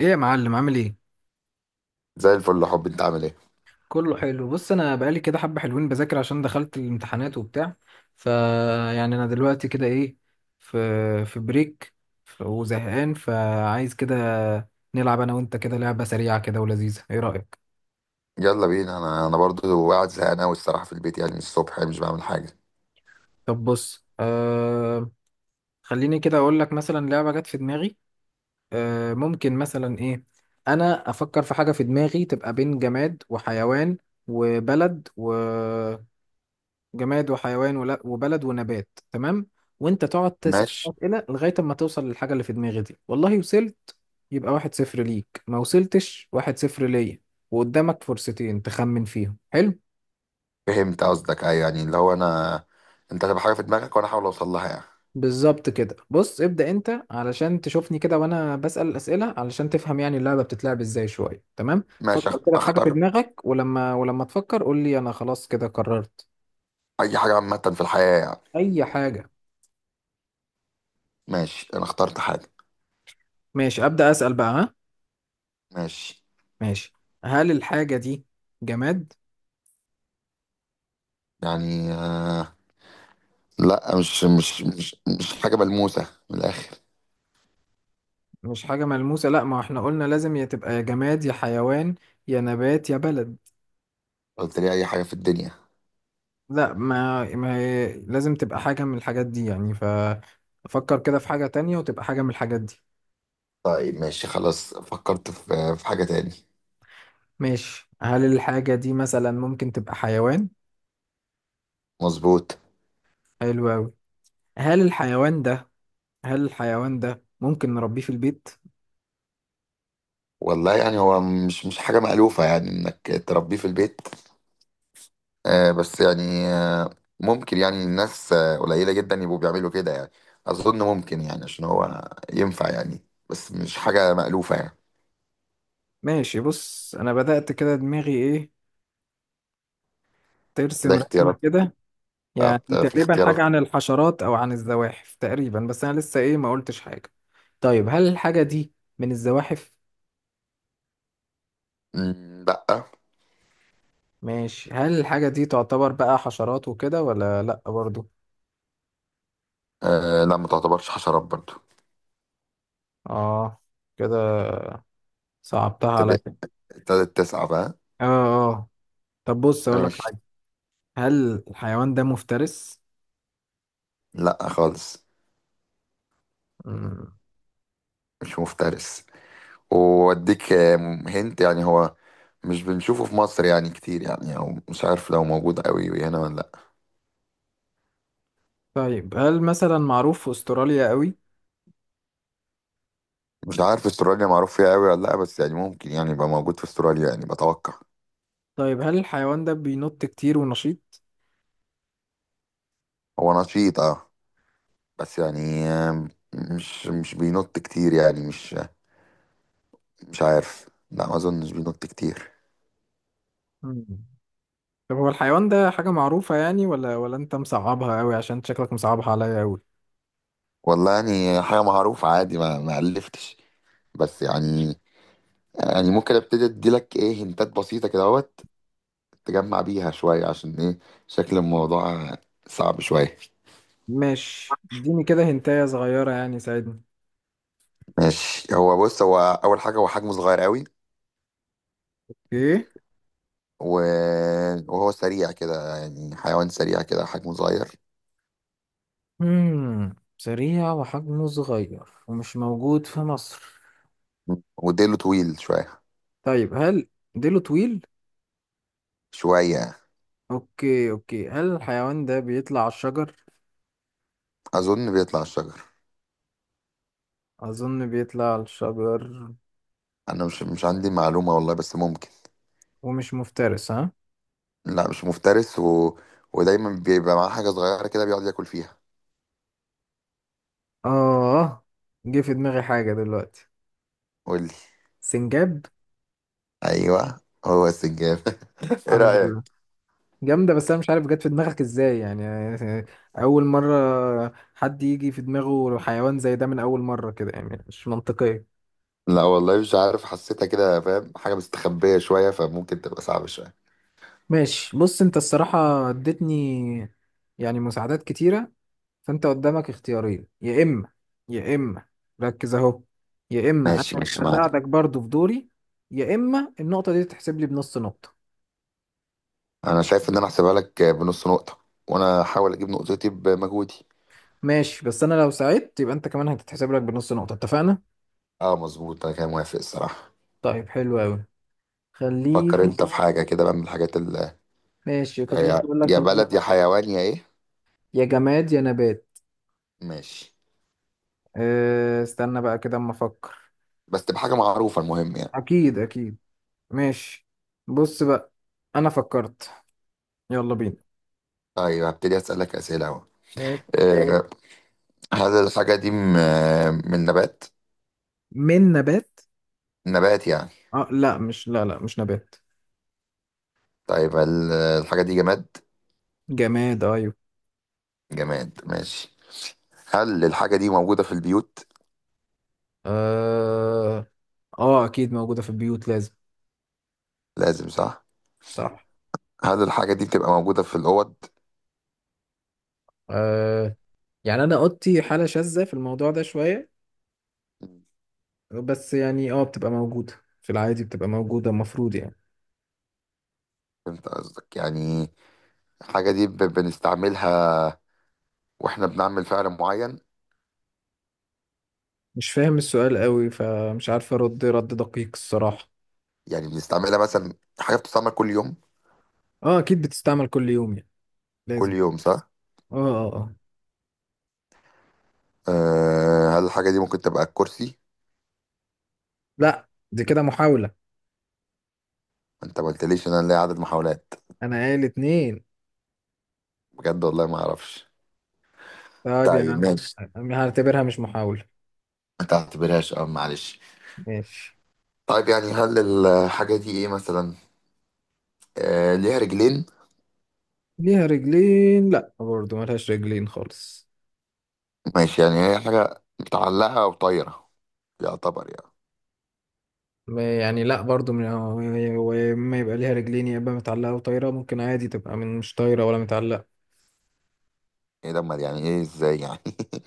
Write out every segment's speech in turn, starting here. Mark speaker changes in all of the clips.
Speaker 1: ايه يا معلم، عامل ايه؟
Speaker 2: زي الفل يا حبي، انت عامل ايه؟
Speaker 1: كله حلو. بص انا بقالي كده حبه حلوين بذاكر عشان دخلت الامتحانات وبتاع. ف يعني انا دلوقتي كده ايه، في في بريك وزهقان، فعايز كده نلعب انا وانت كده لعبه سريعه كده ولذيذه. ايه رايك؟
Speaker 2: يلا بينا. انا برضو قاعد زهقان قوي الصراحه في البيت، يعني من الصبح يعني مش بعمل حاجه.
Speaker 1: طب بص، آه، خليني كده اقول لك مثلا لعبه جت في دماغي. آه، ممكن مثلا ايه، انا افكر في حاجه في دماغي تبقى بين جماد وحيوان وبلد. جماد وحيوان وبلد ونبات، تمام؟ وانت تقعد تسأل
Speaker 2: ماشي.
Speaker 1: أسئلة لغاية اما توصل للحاجة اللي في دماغي دي. والله وصلت يبقى واحد صفر ليك، ما وصلتش واحد صفر ليا. وقدامك فرصتين تخمن فيهم. حلو.
Speaker 2: فهمت قصدك، ايوه، يعني اللي هو انا، انت هتبقى حاجه في دماغك وانا احاول اوصل لها يعني.
Speaker 1: بالظبط كده. بص ابدأ انت علشان تشوفني كده وانا بسأل الأسئلة، علشان تفهم يعني اللعبة بتتلعب ازاي شوية. تمام؟
Speaker 2: ماشي.
Speaker 1: فكر كده في حاجة في
Speaker 2: اختار.
Speaker 1: دماغك، ولما تفكر قول لي انا خلاص كده قررت.
Speaker 2: اي حاجه عامه في الحياه يعني؟
Speaker 1: اي حاجة.
Speaker 2: ماشي، انا اخترت حاجه.
Speaker 1: ماشي، أبدأ أسأل بقى. ها؟
Speaker 2: ماشي.
Speaker 1: ماشي. هل الحاجة دي جماد؟
Speaker 2: يعني لا، مش حاجه ملموسه من الاخر.
Speaker 1: مش حاجة ملموسة؟ لا، ما احنا قلنا لازم يا تبقى يا جماد يا حيوان يا نبات يا بلد.
Speaker 2: قلت لي اي حاجه في الدنيا.
Speaker 1: لا، ما هي لازم تبقى حاجة من الحاجات دي يعني. ففكر كده في حاجة تانية وتبقى حاجة من الحاجات دي.
Speaker 2: طيب ماشي، خلاص فكرت في حاجه تاني.
Speaker 1: ماشي. هل الحاجة دي مثلا ممكن تبقى حيوان؟
Speaker 2: مظبوط.
Speaker 1: حلو أوي. هل الحيوان ده، هل الحيوان ده ممكن نربيه في البيت؟
Speaker 2: والله يعني هو مش حاجة مألوفة يعني إنك تربيه في البيت. بس يعني ممكن يعني الناس قليلة جدا يبقوا بيعملوا كده يعني. أظن ممكن يعني عشان هو ينفع يعني، بس مش حاجة مألوفة يعني.
Speaker 1: ماشي. بص أنا بدأت كده دماغي إيه،
Speaker 2: لا،
Speaker 1: ترسم رسمة
Speaker 2: اختيارات.
Speaker 1: كده. يعني
Speaker 2: آه، في
Speaker 1: تقريبا
Speaker 2: اختيارات.
Speaker 1: حاجة عن الحشرات أو عن الزواحف تقريبا، بس أنا لسه إيه ما قلتش حاجة. طيب هل الحاجة دي من الزواحف؟
Speaker 2: مم، لأ.
Speaker 1: ماشي. هل الحاجة دي تعتبر بقى حشرات وكده ولا لأ برضو؟
Speaker 2: آه، لا، ما تعتبرش حشرات برضو.
Speaker 1: آه، كده صعبتها عليا.
Speaker 2: ابتدت ابتدت تسعى بقى.
Speaker 1: آه آه. طب بص أقول لك
Speaker 2: ماشي.
Speaker 1: حاجة. هل الحيوان ده مفترس؟
Speaker 2: لأ خالص،
Speaker 1: مم.
Speaker 2: مش مفترس. وأديك هنت يعني، هو مش بنشوفه في مصر يعني كتير يعني، أو مش عارف لو موجود قوي هنا ولا.
Speaker 1: طيب هل مثلا معروف في أستراليا قوي؟
Speaker 2: مش عارف استراليا معروف فيها قوي ولا لا، بس يعني ممكن يعني يبقى موجود في استراليا يعني بتوقع.
Speaker 1: طيب هل الحيوان ده بينط كتير ونشيط؟
Speaker 2: هو نشيط اه، بس يعني مش بينط كتير يعني، مش عارف، لا، ما اظنش بينط كتير.
Speaker 1: مم. طب هو الحيوان ده حاجة معروفة يعني، ولا انت مصعبها قوي؟ عشان شكلك مصعبها عليا قوي.
Speaker 2: والله يعني حاجة معروفة عادي، ما ألفتش. بس يعني ممكن ابتدي اديلك ايه هنتات بسيطة كده اهوت تجمع بيها شوية عشان ايه، شكل الموضوع صعب شوية.
Speaker 1: ماشي، اديني كده هنتاية صغيرة يعني ساعدني.
Speaker 2: ماشي، هو بص، هو أول حاجة هو حجمه صغير قوي
Speaker 1: ايه؟
Speaker 2: و... وهو سريع كده يعني، حيوان سريع كده حجمه صغير،
Speaker 1: مم. سريع وحجمه صغير ومش موجود في مصر.
Speaker 2: وديله طويل شوية،
Speaker 1: طيب هل، ديله طويل؟
Speaker 2: شوية.
Speaker 1: اوكي اوكي. هل الحيوان ده بيطلع على الشجر؟
Speaker 2: أظن بيطلع الشجر.
Speaker 1: اظن بيطلع على الشجر.
Speaker 2: أنا مش عندي معلومة والله، بس ممكن.
Speaker 1: ومش مفترس؟ ها؟
Speaker 2: لا، مش مفترس، ودايما بيبقى معاه حاجة صغيرة كده بيقعد ياكل فيها.
Speaker 1: اه، جه في دماغي حاجة دلوقتي.
Speaker 2: قولي.
Speaker 1: سنجاب.
Speaker 2: أيوه، هو السنجاب إيه
Speaker 1: الحمد لله.
Speaker 2: رأيك؟
Speaker 1: جامدة، بس أنا مش عارف جت في دماغك إزاي يعني. أول مرة حد يجي في دماغه حيوان زي ده من أول مرة كده، يعني مش منطقية.
Speaker 2: لا والله مش عارف، حسيتها كده، فاهم حاجة مستخبية شوية فممكن تبقى صعبة شوية.
Speaker 1: ماشي. بص أنت الصراحة اديتني يعني مساعدات كتيرة. فأنت قدامك اختيارين، يا إما، يا إما، ركز أهو، يا إما أنا
Speaker 2: ماشي، ماشي معاك.
Speaker 1: أساعدك برضو في دوري، يا إما النقطة دي تتحسب لي بنص نقطة.
Speaker 2: أنا شايف إن أنا أحسبها لك بنص نقطة، وأنا هحاول أجيب نقطتي بمجهودي.
Speaker 1: ماشي، بس أنا لو ساعدت يبقى أنت كمان هتتحسب لك بنص نقطة، اتفقنا؟
Speaker 2: اه مظبوط، انا كان موافق الصراحه.
Speaker 1: طيب حلو أوي.
Speaker 2: فكر
Speaker 1: خليني.
Speaker 2: انت في خلصان حاجه كده بقى من الحاجات اللي
Speaker 1: ماشي، كنت لسه
Speaker 2: يا
Speaker 1: بقول لك
Speaker 2: يا
Speaker 1: خليني
Speaker 2: بلد يا
Speaker 1: أفكر.
Speaker 2: حيوان يا ايه.
Speaker 1: يا جماد يا نبات.
Speaker 2: ماشي،
Speaker 1: أه، استنى بقى كده اما افكر.
Speaker 2: بس تبقى حاجه معروفه المهم يعني.
Speaker 1: اكيد اكيد. ماشي. بص بقى، انا فكرت، يلا بينا.
Speaker 2: طيب، هبتدي اسالك اسئله اهو.
Speaker 1: ماشي.
Speaker 2: آه، هل الحاجه دي من نبات؟
Speaker 1: من نبات؟
Speaker 2: نبات يعني؟
Speaker 1: اه لا، مش لا لا مش نبات.
Speaker 2: طيب، هل الحاجه دي جماد؟
Speaker 1: جماد، ايوه.
Speaker 2: جماد، ماشي. هل الحاجه دي موجوده في البيوت؟
Speaker 1: اه، اه اكيد موجودة في البيوت، لازم.
Speaker 2: لازم صح.
Speaker 1: صح.
Speaker 2: هل الحاجه دي بتبقى موجوده في الاوض؟
Speaker 1: آه، يعني انا اوضتي حالة شاذة في الموضوع ده شوية، بس يعني اه بتبقى موجودة. في العادي بتبقى موجودة المفروض يعني.
Speaker 2: فهمت قصدك، يعني الحاجه دي بنستعملها واحنا بنعمل فعل معين؟
Speaker 1: مش فاهم السؤال قوي، فمش عارف ارد رد دقيق الصراحة.
Speaker 2: يعني بنستعملها مثلا، حاجة بتستعمل كل يوم؟
Speaker 1: اه اكيد بتستعمل كل يوم يعني،
Speaker 2: كل
Speaker 1: لازم.
Speaker 2: يوم صح؟
Speaker 1: اه اه اه.
Speaker 2: أه، هل الحاجة دي ممكن تبقى الكرسي؟
Speaker 1: لا، دي كده محاولة.
Speaker 2: انت ما قلتليش ان انا ليا عدد محاولات.
Speaker 1: انا قايل اتنين.
Speaker 2: بجد والله ما اعرفش.
Speaker 1: طيب يا
Speaker 2: طيب
Speaker 1: عم،
Speaker 2: ماشي.
Speaker 1: أنا هعتبرها مش محاولة.
Speaker 2: ما تعتبرهاش، معلش.
Speaker 1: ماشي.
Speaker 2: طيب يعني، هل الحاجة دي ايه مثلا؟ أه، ليها رجلين؟
Speaker 1: ليها رجلين؟ لا برضو، ملهاش رجلين خالص.
Speaker 2: ماشي، يعني هي حاجة متعلقة او طايرة يعتبر يعني.
Speaker 1: ما- يعني لا برضو، وما يبقى ليها رجلين يا اما متعلقة وطايرة، ممكن عادي تبقى من مش طايرة ولا متعلقة.
Speaker 2: ايه ده، أمال يعني ايه؟ ازاي يعني؟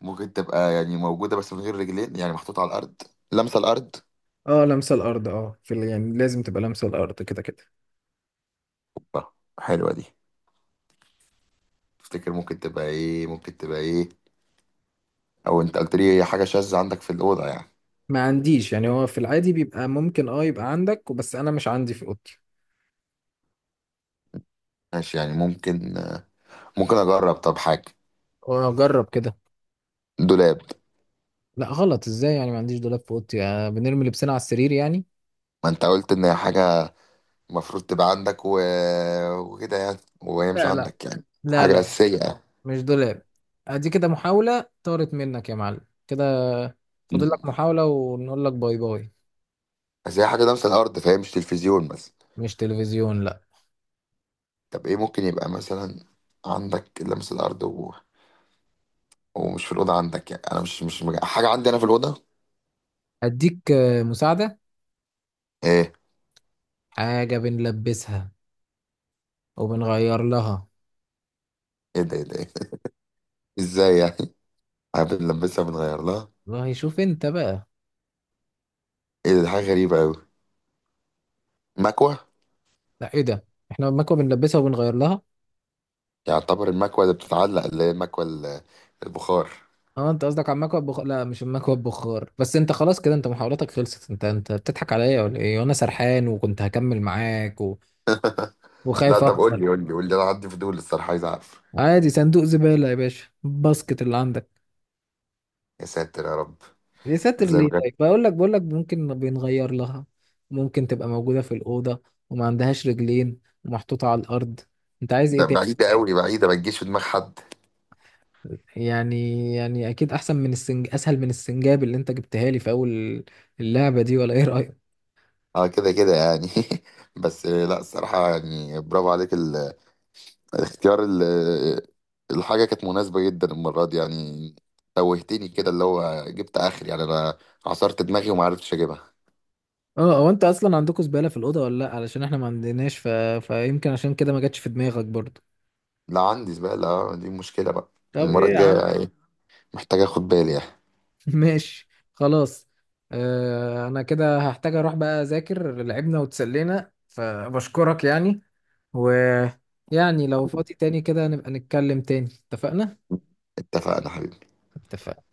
Speaker 2: ممكن تبقى يعني موجودة بس من غير رجلين، يعني محطوطة على الأرض، لمسة الأرض.
Speaker 1: اه، لامسة الارض، اه، في يعني لازم تبقى لامسة الارض كده كده.
Speaker 2: آه، حلوة دي. تفتكر ممكن تبقى ايه، ممكن تبقى ايه؟ او انت قلت لي هي حاجه شاذه عندك في الاوضه يعني.
Speaker 1: ما عنديش يعني، هو في العادي بيبقى ممكن اه يبقى عندك، بس انا مش عندي في اوضتي.
Speaker 2: ماشي، يعني ممكن، ممكن اجرب، طب حاجه.
Speaker 1: واجرب كده.
Speaker 2: دولاب.
Speaker 1: لا غلط، ازاي يعني؟ ما عنديش دولاب في اوضتي، آه، بنرمي لبسنا على السرير يعني.
Speaker 2: ما انت قلت ان هي حاجه المفروض تبقى عندك وكده يعني، وهي مش
Speaker 1: لا،
Speaker 2: عندك يعني
Speaker 1: لا
Speaker 2: حاجه
Speaker 1: لا
Speaker 2: اساسيه يعني.
Speaker 1: مش دولاب. ادي كده محاولة طارت منك يا معلم كده. فاضل لك
Speaker 2: مم.
Speaker 1: محاولة ونقول لك باي باي.
Speaker 2: بس هي حاجه لمس الارض، فهي مش تلفزيون مثلا.
Speaker 1: مش تلفزيون، لا.
Speaker 2: طب ايه ممكن يبقى مثلا؟ عندك لمس الارض ومش في الاوضه عندك، يعني انا مش حاجه عندي انا في الاوضه.
Speaker 1: اديك آه، مساعدة.
Speaker 2: ايه؟
Speaker 1: حاجة بنلبسها وبنغير لها.
Speaker 2: ايه ده، ايه ده، إيه ده؟ ازاي يعني؟ عارف نلبسها بنغير لها؟
Speaker 1: والله شوف انت بقى.
Speaker 2: ايه ده، دي حاجه غريبه قوي. مكوه.
Speaker 1: لا، ايه ده، احنا المكوة بنلبسها وبنغير لها؟
Speaker 2: يعتبر المكوة اللي بتتعلق، اللي هي المكوة البخار.
Speaker 1: اه انت قصدك على المكوى بخ-، لا مش المكوى بخار. بس انت خلاص كده، انت محاولاتك خلصت. انت بتضحك عليا ولا ايه؟ وانا سرحان وكنت هكمل معاك
Speaker 2: لا،
Speaker 1: وخايف
Speaker 2: طب قول
Speaker 1: اخسر.
Speaker 2: لي قول لي قول لي، انا عندي فضول الصراحة عايز اعرف.
Speaker 1: عادي، صندوق زبالة يا باشا، باسكت اللي عندك.
Speaker 2: يا ساتر يا رب.
Speaker 1: يا ساتر
Speaker 2: زي ما
Speaker 1: ليه؟
Speaker 2: كان-
Speaker 1: طيب بقول لك، ممكن بنغير لها، ممكن تبقى موجودة في الأوضة وما عندهاش رجلين ومحطوطة على الأرض. انت عايز ايه
Speaker 2: ده
Speaker 1: تاني؟
Speaker 2: بعيدة
Speaker 1: طيب،
Speaker 2: قوي، بعيدة، ما تجيش في دماغ حد.
Speaker 1: يعني، يعني اكيد احسن من السنج، اسهل من السنجاب اللي انت جبتها لي في اول اللعبة دي، ولا ايه رأيك؟
Speaker 2: اه كده كده يعني بس لا، الصراحة يعني برافو عليك الاختيار الحاجة كانت مناسبة جدا المرة دي يعني. توهتني كده، اللي هو جبت اخر يعني انا عصرت دماغي وما عرفتش اجيبها.
Speaker 1: اه، هو انت اصلا عندكم زبالة في الأوضة ولا لا؟ علشان احنا ما عندناش، ف-، فيمكن عشان كده ما جاتش في دماغك برضه.
Speaker 2: لا، عندي زبالة، دي مشكلة بقى
Speaker 1: طب
Speaker 2: المرة
Speaker 1: ايه يا
Speaker 2: الجاية
Speaker 1: عم.
Speaker 2: يعني، محتاج اخد بالي يعني.
Speaker 1: ماشي. خلاص. آه انا كده هحتاج اروح بقى اذاكر، لعبنا وتسلينا فبشكرك يعني. ويعني لو فاضي تاني كده نبقى نتكلم تاني، اتفقنا؟
Speaker 2: اتفقنا حبيبي.
Speaker 1: اتفقنا.